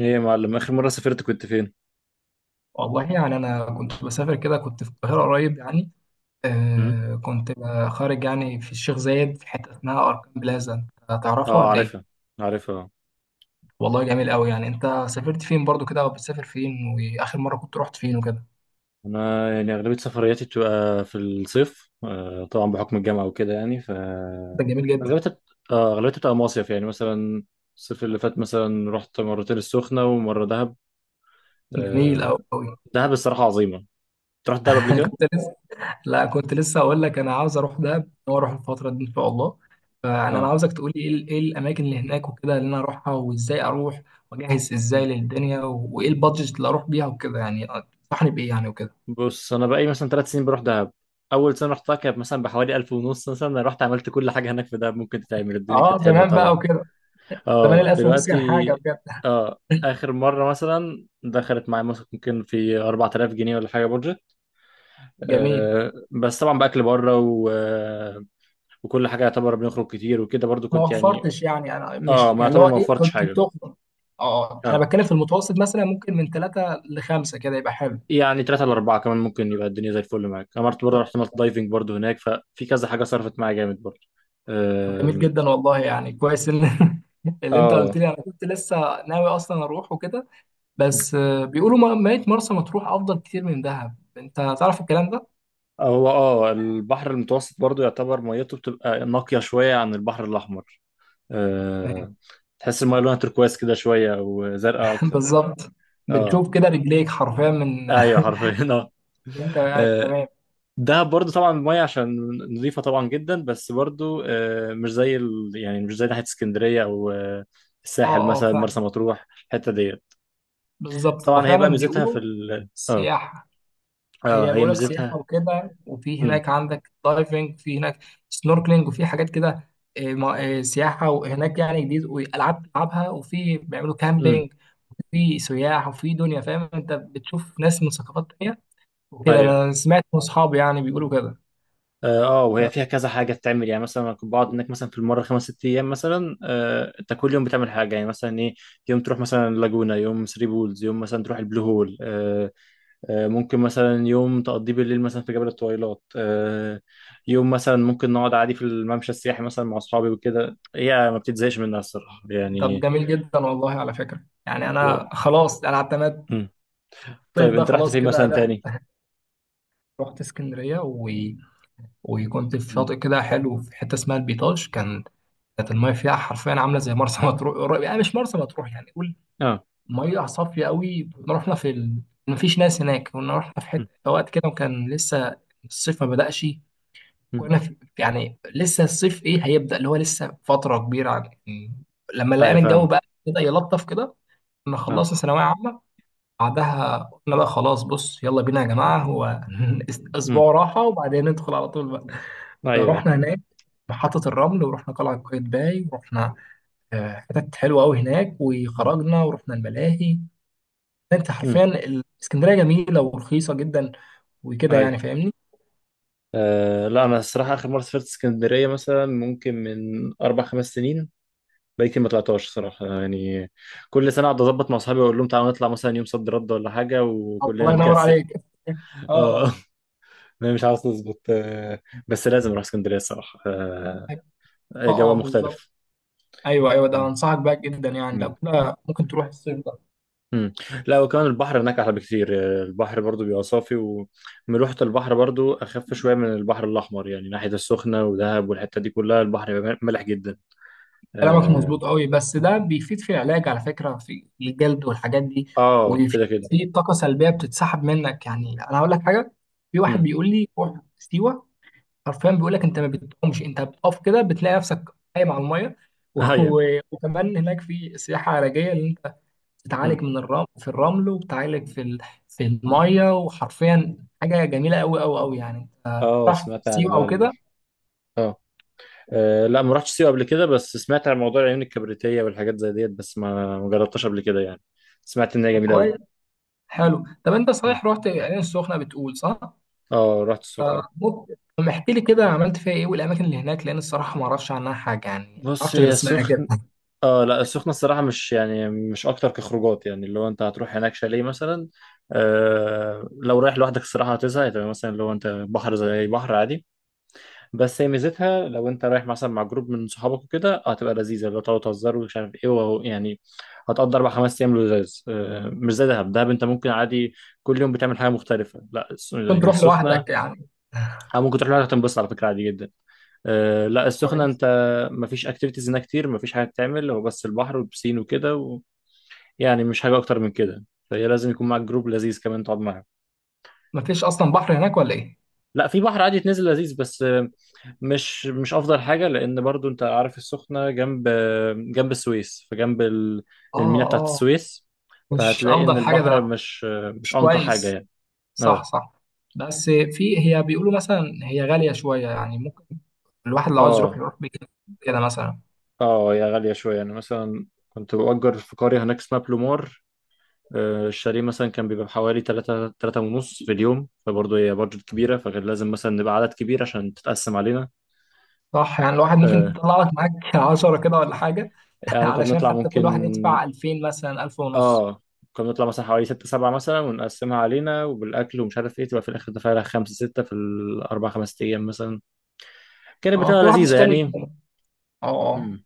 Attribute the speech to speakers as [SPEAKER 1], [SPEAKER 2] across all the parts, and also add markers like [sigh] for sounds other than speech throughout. [SPEAKER 1] ايه يا معلم، اخر مره سافرت كنت فين؟
[SPEAKER 2] والله يعني أنا كنت بسافر كده، كنت في القاهرة قريب يعني.
[SPEAKER 1] هم؟
[SPEAKER 2] آه كنت خارج يعني في الشيخ زايد في حتة اسمها أركان بلازا. أنت تعرفها
[SPEAKER 1] اه،
[SPEAKER 2] ولا إيه؟
[SPEAKER 1] عارفها. عارفها.
[SPEAKER 2] والله جميل أوي. يعني أنت سافرت فين برضو كده، أو بتسافر فين وآخر مرة كنت رحت فين وكده؟
[SPEAKER 1] انا يعني اغلبيه سفرياتي بتبقى في الصيف، آه طبعا، بحكم الجامعه وكده يعني. ف
[SPEAKER 2] ده جميل جدا.
[SPEAKER 1] اغلبيتها بت- اه اغلبيتها بتبقى مصيف يعني. مثلا الصيف اللي فات مثلا رحت مرتين السخنه ومره دهب.
[SPEAKER 2] جميل
[SPEAKER 1] آه.
[SPEAKER 2] أوي أوي.
[SPEAKER 1] دهب الصراحه عظيمه. أنت رحت دهب
[SPEAKER 2] [laughs]
[SPEAKER 1] قبل كده؟
[SPEAKER 2] كنت لسه. لا كنت لسه أقول لك أنا عاوز أروح دهب وأروح الفترة دي إن شاء الله. فأنا
[SPEAKER 1] اه.
[SPEAKER 2] عاوزك تقولي إيه ال- إيه الأماكن اللي هناك وكده اللي أنا أروحها وإزاي أروح وأجهز إزاي
[SPEAKER 1] مم.
[SPEAKER 2] للدنيا وإيه البادجت اللي أروح بيها وكده يعني. تنصحني بإيه يعني وكده؟
[SPEAKER 1] بص، انا بقالي مثلا ثلاث سنين بروح دهب. اول سنه رحتها كانت مثلا بحوالي 1000 ونص، مثلا أنا رحت عملت كل حاجه هناك في دهب ممكن تتعمل. الدنيا كانت
[SPEAKER 2] اه
[SPEAKER 1] حلوه
[SPEAKER 2] زمان بقى
[SPEAKER 1] طبعا.
[SPEAKER 2] وكده. زمان
[SPEAKER 1] اه
[SPEAKER 2] الألف ونص كان
[SPEAKER 1] دلوقتي.
[SPEAKER 2] حاجة بجد.
[SPEAKER 1] اه، اخر مره مثلا دخلت معايا مثلا ممكن في 4000 جنيه ولا حاجه بودجت.
[SPEAKER 2] جميل.
[SPEAKER 1] آه، بس طبعا باكل بره و... آه، وكل حاجه يعتبر. بنخرج كتير وكده برضو
[SPEAKER 2] ما
[SPEAKER 1] كنت يعني.
[SPEAKER 2] وفرتش يعني، أنا مش
[SPEAKER 1] اه، ما
[SPEAKER 2] يعني اللي
[SPEAKER 1] يعتبر
[SPEAKER 2] هو
[SPEAKER 1] ما
[SPEAKER 2] إيه
[SPEAKER 1] وفرتش
[SPEAKER 2] كنت
[SPEAKER 1] حاجه.
[SPEAKER 2] بتخرج. اه أنا
[SPEAKER 1] اه،
[SPEAKER 2] بتكلم في المتوسط مثلا ممكن من ثلاثة لخمسة كده يبقى حلو.
[SPEAKER 1] يعني ثلاثة لأربعة كمان ممكن يبقى الدنيا زي الفل معاك. أنا مرة برضه رحت عملت دايفنج برضه هناك، ففي كذا حاجة صرفت معايا جامد برضه.
[SPEAKER 2] طب جميل
[SPEAKER 1] آم،
[SPEAKER 2] جدا والله، يعني كويس ان [laughs] اللي انت قلت
[SPEAKER 1] اه.
[SPEAKER 2] لي، انا كنت لسه ناوي اصلا اروح وكده. بس بيقولوا ميت مرسى مطروح افضل كتير من دهب، انت تعرف الكلام ده؟
[SPEAKER 1] هو البحر المتوسط برضه يعتبر ميته، بتبقى نقية شوية عن البحر الأحمر. آه، تحس المايه لونها تركواز كده شويه او زرقاء
[SPEAKER 2] [laughs]
[SPEAKER 1] اكتر.
[SPEAKER 2] بالظبط.
[SPEAKER 1] اه.
[SPEAKER 2] بتشوف كده رجليك حرفيا من
[SPEAKER 1] ايوه حرفيا اه.
[SPEAKER 2] [laughs] وانت قاعد
[SPEAKER 1] آه،
[SPEAKER 2] تمام.
[SPEAKER 1] دهب برضو طبعا المايه عشان نظيفه طبعا جدا، بس برضو مش زي يعني مش زي ناحيه اسكندريه او
[SPEAKER 2] اه
[SPEAKER 1] الساحل
[SPEAKER 2] اه
[SPEAKER 1] مثلا مرسى مطروح. الحته ديت. بس
[SPEAKER 2] بالظبط، هو
[SPEAKER 1] طبعا هي بقى
[SPEAKER 2] فعلا
[SPEAKER 1] ميزتها في
[SPEAKER 2] بيقولوا
[SPEAKER 1] ال... اه
[SPEAKER 2] سياحة.
[SPEAKER 1] اه،
[SPEAKER 2] هي
[SPEAKER 1] هي
[SPEAKER 2] بيقولك سياحة
[SPEAKER 1] ميزتها.
[SPEAKER 2] وكده، وفي
[SPEAKER 1] امم.
[SPEAKER 2] هناك عندك دايفنج، في هناك سنوركلينج وفي حاجات كده. سياحة، وهناك يعني جديد وألعاب تلعبها، وفي بيعملوا كامبينج وفي سياح وفي دنيا، فاهم؟ أنت بتشوف ناس من ثقافات تانية وكده.
[SPEAKER 1] امم.
[SPEAKER 2] أنا سمعت من أصحابي يعني بيقولوا كده.
[SPEAKER 1] اه. وهي فيها كذا حاجه بتعمل يعني. مثلا انا كنت بقعد هناك مثلا في المره خمس ست ايام مثلا. انت كل يوم بتعمل حاجه يعني مثلا ايه؟ يوم تروح مثلا لاجونا، يوم ثري بولز، يوم مثلا تروح البلو هول. ممكن مثلا يوم تقضيه بالليل مثلا في جبل الطويلات. يوم مثلا ممكن نقعد عادي في الممشى السياحي مثلا مع اصحابي وكده. هي ما بتتزهقش منها الصراحه
[SPEAKER 2] طب
[SPEAKER 1] يعني.
[SPEAKER 2] جميل جدا والله، على فكرة يعني
[SPEAKER 1] و...
[SPEAKER 2] أنا خلاص أنا اعتمدت
[SPEAKER 1] مم.
[SPEAKER 2] الصيف
[SPEAKER 1] طيب
[SPEAKER 2] ده
[SPEAKER 1] انت رحت
[SPEAKER 2] خلاص
[SPEAKER 1] فين
[SPEAKER 2] كده
[SPEAKER 1] مثلا
[SPEAKER 2] ده.
[SPEAKER 1] تاني؟
[SPEAKER 2] رحت اسكندرية و... وكنت في
[SPEAKER 1] مم.
[SPEAKER 2] شاطئ كده حلو في حتة اسمها البيطاش كان. كانت الميه فيها حرفيا عامله زي مرسى [laughs] مطروح. يعني مش مرسى مطروح يعني قول،
[SPEAKER 1] اه.
[SPEAKER 2] ميه صافيه قوي. كنا رحنا في ال... مفيش ناس هناك، كنا رحنا في حته
[SPEAKER 1] مم.
[SPEAKER 2] في وقت كده وكان لسه الصيف ما بدأش.
[SPEAKER 1] مم.
[SPEAKER 2] كنا في... يعني لسه الصيف ايه هيبدأ، اللي هو لسه فتره كبيره يعني. لما
[SPEAKER 1] ايوه
[SPEAKER 2] لقينا الجو بقى
[SPEAKER 1] فاهمك
[SPEAKER 2] بدأ يلطف كده، كنا
[SPEAKER 1] اه.
[SPEAKER 2] خلصنا ثانويه عامه. بعدها قلنا بقى خلاص بص يلا بينا يا جماعه، هو [laughs]
[SPEAKER 1] مم.
[SPEAKER 2] اسبوع راحه وبعدين ندخل على طول بقى.
[SPEAKER 1] ايوه.
[SPEAKER 2] فرحنا هناك محطة الرمل، ورحنا قلعة قايتباي، ورحنا حتت حلوه قوي هناك،
[SPEAKER 1] مم.
[SPEAKER 2] وخرجنا ورحنا الملاهي. انت
[SPEAKER 1] مم.
[SPEAKER 2] حرفيا الاسكندريه جميله ورخيصه جدا وكده
[SPEAKER 1] ايوه
[SPEAKER 2] يعني، فاهمني؟
[SPEAKER 1] أه. لا انا الصراحه اخر مره سافرت اسكندريه مثلا ممكن من اربع خمس سنين. بقالي كتير ما طلعتهاش صراحه يعني. كل سنه اقعد اظبط مع اصحابي واقول لهم تعالوا نطلع مثلا يوم صد رد ولا حاجه، وكلنا
[SPEAKER 2] الله ينور
[SPEAKER 1] نكسل.
[SPEAKER 2] عليك. [laughs] اه
[SPEAKER 1] اه.
[SPEAKER 2] اه.
[SPEAKER 1] [laughs] انا مش عاوز نظبط أه. بس لازم اروح اسكندريه الصراحه أه.
[SPEAKER 2] اه
[SPEAKER 1] جو
[SPEAKER 2] اه بالظبط.
[SPEAKER 1] مختلف.
[SPEAKER 2] ايوه ايوه، ده انصحك بقى جدا يعني، لو
[SPEAKER 1] مم.
[SPEAKER 2] كده ممكن تروح الصيف ده.
[SPEAKER 1] مم. لا وكمان البحر هناك احلى بكتير. أه، البحر برضو بيبقى صافي، وملوحه البحر برضو اخف شويه من البحر الاحمر يعني ناحيه السخنه ودهب والحته دي كلها البحر بيبقى مالح جدا.
[SPEAKER 2] كلامك
[SPEAKER 1] آه،
[SPEAKER 2] مظبوط قوي، بس ده بيفيد في العلاج على فكره، في الجلد والحاجات دي.
[SPEAKER 1] اه
[SPEAKER 2] وفي
[SPEAKER 1] كده كده.
[SPEAKER 2] في طاقه سلبيه بتتسحب منك. يعني انا هقول لك حاجه، في واحد
[SPEAKER 1] امم.
[SPEAKER 2] بيقول لي روح سيوه. حرفيا بيقول لك انت ما بتقومش، انت بتقف كده بتلاقي نفسك قايم على الميه. [laughs]
[SPEAKER 1] [laughs] ايوه.
[SPEAKER 2] وكمان هناك في سياحه علاجيه، اللي انت
[SPEAKER 1] امم.
[SPEAKER 2] بتعالج من الرمل في الرمل، وبتعالج في ال... في الميه. وحرفيا حاجه جميله قوي قوي قوي يعني. انت
[SPEAKER 1] اه،
[SPEAKER 2] بتعرف
[SPEAKER 1] سمعت عن
[SPEAKER 2] سيوه او كده؟
[SPEAKER 1] اه لا ما رحتش سيوه قبل كده، بس سمعت عن موضوع العيون الكبريتيه والحاجات زي ديت، بس ما جربتهاش قبل كده يعني. سمعت ان هي جميله قوي.
[SPEAKER 2] كويس. حلو. طب انت صحيح رحت العين السخنه بتقول صح؟
[SPEAKER 1] اه، رحت السخنه.
[SPEAKER 2] ممكن طب احكي لي كده، عملت فيها ايه والاماكن اللي هناك؟ لان الصراحه ما اعرفش عنها حاجه يعني، ما
[SPEAKER 1] بص
[SPEAKER 2] اعرفش غير
[SPEAKER 1] هي
[SPEAKER 2] اسمها كده.
[SPEAKER 1] سخن
[SPEAKER 2] [laughs]
[SPEAKER 1] اه لا، السخنه الصراحه مش يعني، مش اكتر كخروجات. يعني اللي هو انت هتروح هناك شاليه مثلا. آه لو رايح لوحدك الصراحه هتزهق، تبقى مثلا لو انت بحر زي أي بحر عادي. بس هي ميزتها لو انت رايح مثلا مع جروب من صحابك وكده هتبقى لذيذه، لو تقعدوا تهزروا ومش عارف ايه وهو يعني. هتقضي اربع خمس ايام لذيذ. مش زي دهب. دهب انت ممكن عادي كل يوم بتعمل حاجه مختلفه. لا
[SPEAKER 2] كنت
[SPEAKER 1] يعني
[SPEAKER 2] تروح
[SPEAKER 1] السخنه،
[SPEAKER 2] لوحدك يعني؟
[SPEAKER 1] او ممكن تروح لها تنبسط على فكره عادي جدا. لا السخنه
[SPEAKER 2] كويس.
[SPEAKER 1] انت مفيش اكتيفيتيز هناك كتير، مفيش حاجه تعمل. هو بس البحر والبسين وكده يعني مش حاجه اكتر من كده. فهي لازم يكون معاك جروب لذيذ كمان تقعد معاه.
[SPEAKER 2] ما فيش اصلا بحر هناك ولا ايه؟
[SPEAKER 1] لا في بحر عادي تنزل لذيذ بس مش افضل حاجه، لان برضو انت عارف السخنه جنب السويس، فجنب المينا بتاعت
[SPEAKER 2] اه،
[SPEAKER 1] السويس.
[SPEAKER 2] مش
[SPEAKER 1] فهتلاقي
[SPEAKER 2] افضل
[SPEAKER 1] ان
[SPEAKER 2] حاجه
[SPEAKER 1] البحر
[SPEAKER 2] ده.
[SPEAKER 1] مش
[SPEAKER 2] مش
[SPEAKER 1] انقى حاجه
[SPEAKER 2] كويس.
[SPEAKER 1] يعني. اه
[SPEAKER 2] صح صح. بس في، هي بيقولوا مثلا هي غاليه شويه يعني، ممكن الواحد لو عاوز يروح
[SPEAKER 1] اه.
[SPEAKER 2] يروح بكده كده مثلا.
[SPEAKER 1] اه يا، غاليه شويه يعني مثلا كنت بأجر في قريه هناك اسمها بلومار. الشاليه مثلا كان بيبقى بحوالي 3 3 ونص في اليوم، فبرضه هي بادجت كبيره فكان لازم مثلا نبقى عدد كبير عشان تتقسم علينا.
[SPEAKER 2] صح. يعني الواحد ممكن
[SPEAKER 1] آه،
[SPEAKER 2] تطلع لك معاك [laughs] 10 كده ولا حاجه، [laughs]
[SPEAKER 1] يعني كنا
[SPEAKER 2] علشان
[SPEAKER 1] بنطلع
[SPEAKER 2] حتى كل
[SPEAKER 1] ممكن.
[SPEAKER 2] واحد يدفع 2000 مثلا، 1000 ونص.
[SPEAKER 1] اه، كنا بنطلع مثلا حوالي ستة سبعة مثلا، ونقسمها علينا وبالأكل ومش عارف ايه، تبقى في الآخر دافع لها خمسة ستة في الأربع خمس أيام مثلا. كانت
[SPEAKER 2] اه
[SPEAKER 1] بتبقى
[SPEAKER 2] كل واحد
[SPEAKER 1] لذيذة
[SPEAKER 2] يشتري.
[SPEAKER 1] يعني.
[SPEAKER 2] اه اه
[SPEAKER 1] مم.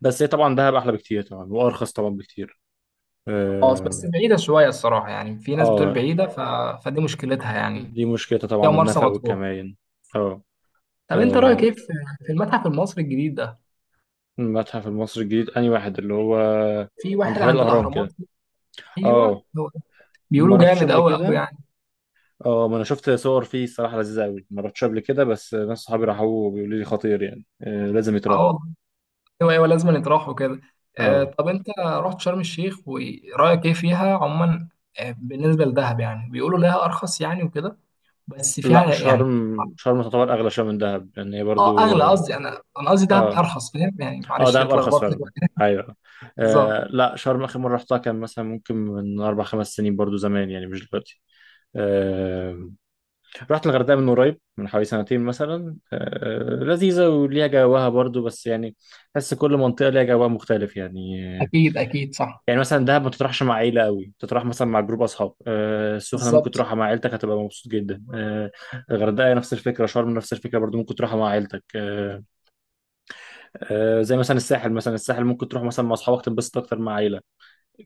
[SPEAKER 1] بس هي طبعا دهب أحلى بكتير طبعا وأرخص طبعا بكتير.
[SPEAKER 2] اه.
[SPEAKER 1] اه.
[SPEAKER 2] بس بعيده شويه الصراحه، يعني في ناس بتقول
[SPEAKER 1] آه،
[SPEAKER 2] بعيده ف... فدي مشكلتها يعني.
[SPEAKER 1] دي مشكلتها
[SPEAKER 2] هي
[SPEAKER 1] طبعا،
[SPEAKER 2] مرسى
[SPEAKER 1] النفق
[SPEAKER 2] مطروح.
[SPEAKER 1] والكمائن. اه.
[SPEAKER 2] طب انت رايك ايه
[SPEAKER 1] آه،
[SPEAKER 2] في في المتحف المصري الجديد ده؟
[SPEAKER 1] المتحف المصري الجديد أنهي واحد؟ اللي هو
[SPEAKER 2] في
[SPEAKER 1] عند
[SPEAKER 2] واحد
[SPEAKER 1] حدائق
[SPEAKER 2] عند
[SPEAKER 1] الأهرام
[SPEAKER 2] الاهرامات
[SPEAKER 1] كده.
[SPEAKER 2] كده، ايوه.
[SPEAKER 1] اه، ما
[SPEAKER 2] بيقولوا
[SPEAKER 1] رحتش
[SPEAKER 2] جامد
[SPEAKER 1] قبل
[SPEAKER 2] قوي قوي
[SPEAKER 1] كده.
[SPEAKER 2] يعني.
[SPEAKER 1] اه، ما انا شفت صور فيه الصراحه لذيذه قوي، ما رحتش قبل كده، بس ناس صحابي راحوا وبيقولوا لي خطير يعني. آه لازم
[SPEAKER 2] اه
[SPEAKER 1] يتراح.
[SPEAKER 2] والله. ايوه ايوه لازم يطرحوا كده. آه
[SPEAKER 1] اه،
[SPEAKER 2] طب انت رحت شرم الشيخ ورايك ايه فيها عموما؟ آه بالنسبه لدهب يعني بيقولوا لها ارخص يعني وكده، بس فيها
[SPEAKER 1] لا
[SPEAKER 2] يعني.
[SPEAKER 1] شرم. شرم تعتبر اغلى شويه من دهب لان هي
[SPEAKER 2] اه
[SPEAKER 1] برضو.
[SPEAKER 2] اغلى، قصدي انا قصدي دهب
[SPEAKER 1] اه.
[SPEAKER 2] ارخص، فاهم يعني؟
[SPEAKER 1] اه
[SPEAKER 2] معلش
[SPEAKER 1] دهب ارخص
[SPEAKER 2] اتلخبطت.
[SPEAKER 1] فعلا. ايوه.
[SPEAKER 2] بالظبط.
[SPEAKER 1] آه لا، شرم اخر مره رحتها كان مثلا ممكن من اربع خمس سنين برضو، زمان يعني مش دلوقتي. آه. رحت الغردقه من قريب من حوالي سنتين مثلا. آه لذيذه وليها جواها برضو، بس يعني بس كل منطقه ليها جوها مختلف يعني.
[SPEAKER 2] اكيد اكيد صح.
[SPEAKER 1] يعني مثلا دهب ما تروحش مع عيلة قوي، تروح مثلا مع جروب أصحاب. السخنة ممكن
[SPEAKER 2] بالظبط.
[SPEAKER 1] تروحها مع عيلتك هتبقى مبسوط جدا. الغردقة نفس الفكرة، شرم نفس الفكرة برضو ممكن تروحها مع عيلتك. زي مثلا الساحل. مثلا الساحل ممكن تروح مثلا مع أصحابك تنبسط أكتر، مع عيلة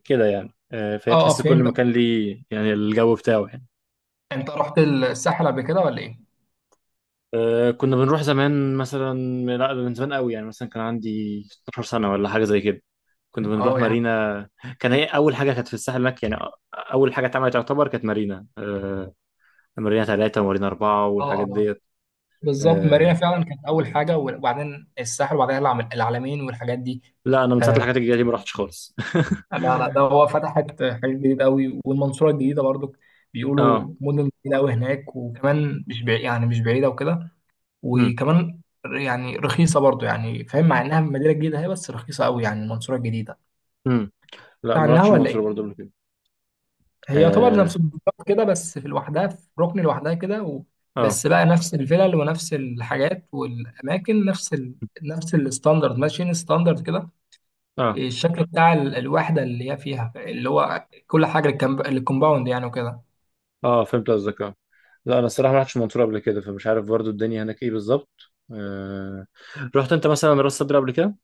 [SPEAKER 1] كده يعني.
[SPEAKER 2] اه
[SPEAKER 1] فهي
[SPEAKER 2] اه
[SPEAKER 1] تحس كل
[SPEAKER 2] فهمت.
[SPEAKER 1] مكان ليه يعني الجو بتاعه يعني.
[SPEAKER 2] انت رحت الساحل قبل كده ولا ايه؟
[SPEAKER 1] كنا بنروح زمان مثلا. لا ده من زمان قوي يعني. مثلا كان عندي 16 سنة ولا حاجة زي كده. كنا بنروح
[SPEAKER 2] اه يعني.
[SPEAKER 1] مارينا. كان هي أول حاجة كانت في الساحل هناك يعني. أول حاجة اتعملت تعتبر كانت مارينا. مارينا ثلاثة ومارينا أربعة
[SPEAKER 2] اه
[SPEAKER 1] والحاجات
[SPEAKER 2] اه
[SPEAKER 1] ديت.
[SPEAKER 2] بالظبط، مارينا
[SPEAKER 1] آه.
[SPEAKER 2] فعلا كانت اول حاجه، وبعدين الساحل وبعدين العلمين والحاجات دي.
[SPEAKER 1] لا أنا من ساعة
[SPEAKER 2] آه،
[SPEAKER 1] الحاجات الجديدة دي ما رحتش خالص.
[SPEAKER 2] لا لا، ده هو فتحت حاجات جديدة قوي، والمنصورة الجديدة برضو
[SPEAKER 1] [laughs] اه.
[SPEAKER 2] بيقولوا مدن جديدة قوي هناك. وكمان مش بعيد يعني، مش بعيدة وكده.
[SPEAKER 1] امم.
[SPEAKER 2] وكمان يعني رخيصة برضو يعني، فاهم؟ مع انها مدينة جديدة هي، بس رخيصة قوي يعني المنصورة الجديدة.
[SPEAKER 1] امم. لا
[SPEAKER 2] بتاع
[SPEAKER 1] ما
[SPEAKER 2] عنها
[SPEAKER 1] رحتش
[SPEAKER 2] ولا
[SPEAKER 1] المنصورة
[SPEAKER 2] ايه؟
[SPEAKER 1] برضه قبل كده.
[SPEAKER 2] هي يعتبر
[SPEAKER 1] اه.
[SPEAKER 2] نفس البلد كده، بس في لوحدها في ركن لوحدها كده و...
[SPEAKER 1] اه.
[SPEAKER 2] بس بقى نفس الفلل ونفس الحاجات والاماكن، نفس ال... نفس الستاندرد، ماشيين ستاندرد كده.
[SPEAKER 1] اه.
[SPEAKER 2] الشكل بتاع الوحدة اللي هي فيها، اللي هو كل حاجة الكومباوند يعني وكده.
[SPEAKER 1] اه فهمت قصدك اه. لا أنا الصراحة ما رحتش المنصورة قبل كده، فمش عارف برضه الدنيا هناك إيه بالظبط. آه. رحت أنت مثلا راس صدر قبل كده؟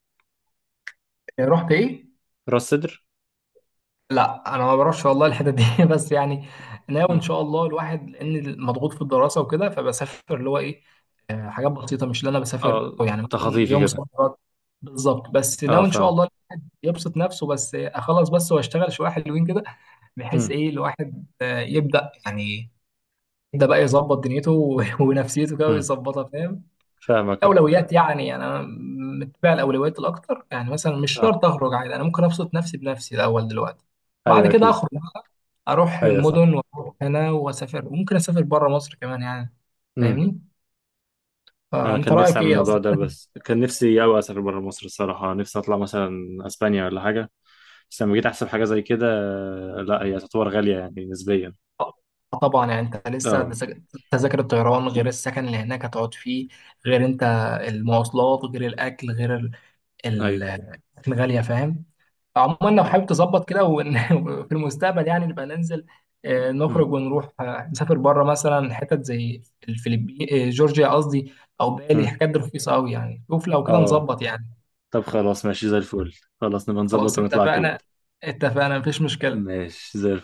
[SPEAKER 2] رحت ايه؟
[SPEAKER 1] راس صدر؟
[SPEAKER 2] لا انا ما بعرفش والله الحته دي [laughs] بس يعني ناوي ان
[SPEAKER 1] امم.
[SPEAKER 2] شاء الله الواحد، لان مضغوط في الدراسه وكده، فبسافر اللي هو ايه حاجات بسيطه، مش اللي انا بسافر
[SPEAKER 1] اه
[SPEAKER 2] أو يعني مثلا
[SPEAKER 1] تخطيفي
[SPEAKER 2] يوم
[SPEAKER 1] كده.
[SPEAKER 2] سفرات. بالظبط. بس
[SPEAKER 1] اه
[SPEAKER 2] ناوي ان شاء
[SPEAKER 1] فاهم.
[SPEAKER 2] الله يبسط نفسه، بس اخلص بس واشتغل شويه حلوين كده، بحيث
[SPEAKER 1] امم.
[SPEAKER 2] ايه الواحد يبدا يعني، يبدا بقى يظبط دنيته [laughs] ونفسيته كده
[SPEAKER 1] امم.
[SPEAKER 2] ويظبطها، فاهم؟
[SPEAKER 1] فاهمك اه.
[SPEAKER 2] اولويات يعني. انا متبع الاولويات الاكتر يعني، مثلا مش
[SPEAKER 1] آه.
[SPEAKER 2] شرط اخرج عادي، انا ممكن ابسط نفسي بنفسي الاول دلوقتي. بعد
[SPEAKER 1] أيوه
[SPEAKER 2] كده
[SPEAKER 1] أكيد.
[SPEAKER 2] اخرج بقى، اروح
[SPEAKER 1] أيوه صح.
[SPEAKER 2] المدن واروح هنا واسافر، وممكن اسافر بره مصر كمان يعني،
[SPEAKER 1] امم.
[SPEAKER 2] فاهمني؟
[SPEAKER 1] انا
[SPEAKER 2] فانت
[SPEAKER 1] كان نفسي
[SPEAKER 2] رايك
[SPEAKER 1] اعمل
[SPEAKER 2] ايه
[SPEAKER 1] الموضوع
[SPEAKER 2] اصلا؟
[SPEAKER 1] ده، بس كان نفسي قوي اسافر بره مصر الصراحه. نفسي اطلع مثلا اسبانيا ولا حاجه. بس لما جيت احسب حاجه زي كده. لا هي تعتبر غاليه يعني نسبيا.
[SPEAKER 2] آه طبعا يعني، انت لسه
[SPEAKER 1] اه.
[SPEAKER 2] تذاكر الطيران، غير السكن اللي هناك هتقعد فيه، غير انت المواصلات، غير الاكل، غير
[SPEAKER 1] ايوه.
[SPEAKER 2] ال- الغاليه، فاهم؟ عموما لو
[SPEAKER 1] اه.
[SPEAKER 2] حابب تظبط كده وفي [laughs] المستقبل يعني نبقى ننزل
[SPEAKER 1] مم.
[SPEAKER 2] نخرج ونروح، نسافر بره مثلا حتت زي الفلبين، جورجيا قصدي او بالي،
[SPEAKER 1] مم.
[SPEAKER 2] حاجات دي رخيصه قوي يعني، شوف لو كده
[SPEAKER 1] اه،
[SPEAKER 2] نظبط يعني.
[SPEAKER 1] طب خلاص ماشي زي الفل. خلاص نبقى نظبط
[SPEAKER 2] خلاص
[SPEAKER 1] ونطلع اكيد.
[SPEAKER 2] اتفقنا. اتفقنا مفيش مشكله.
[SPEAKER 1] ماشي زي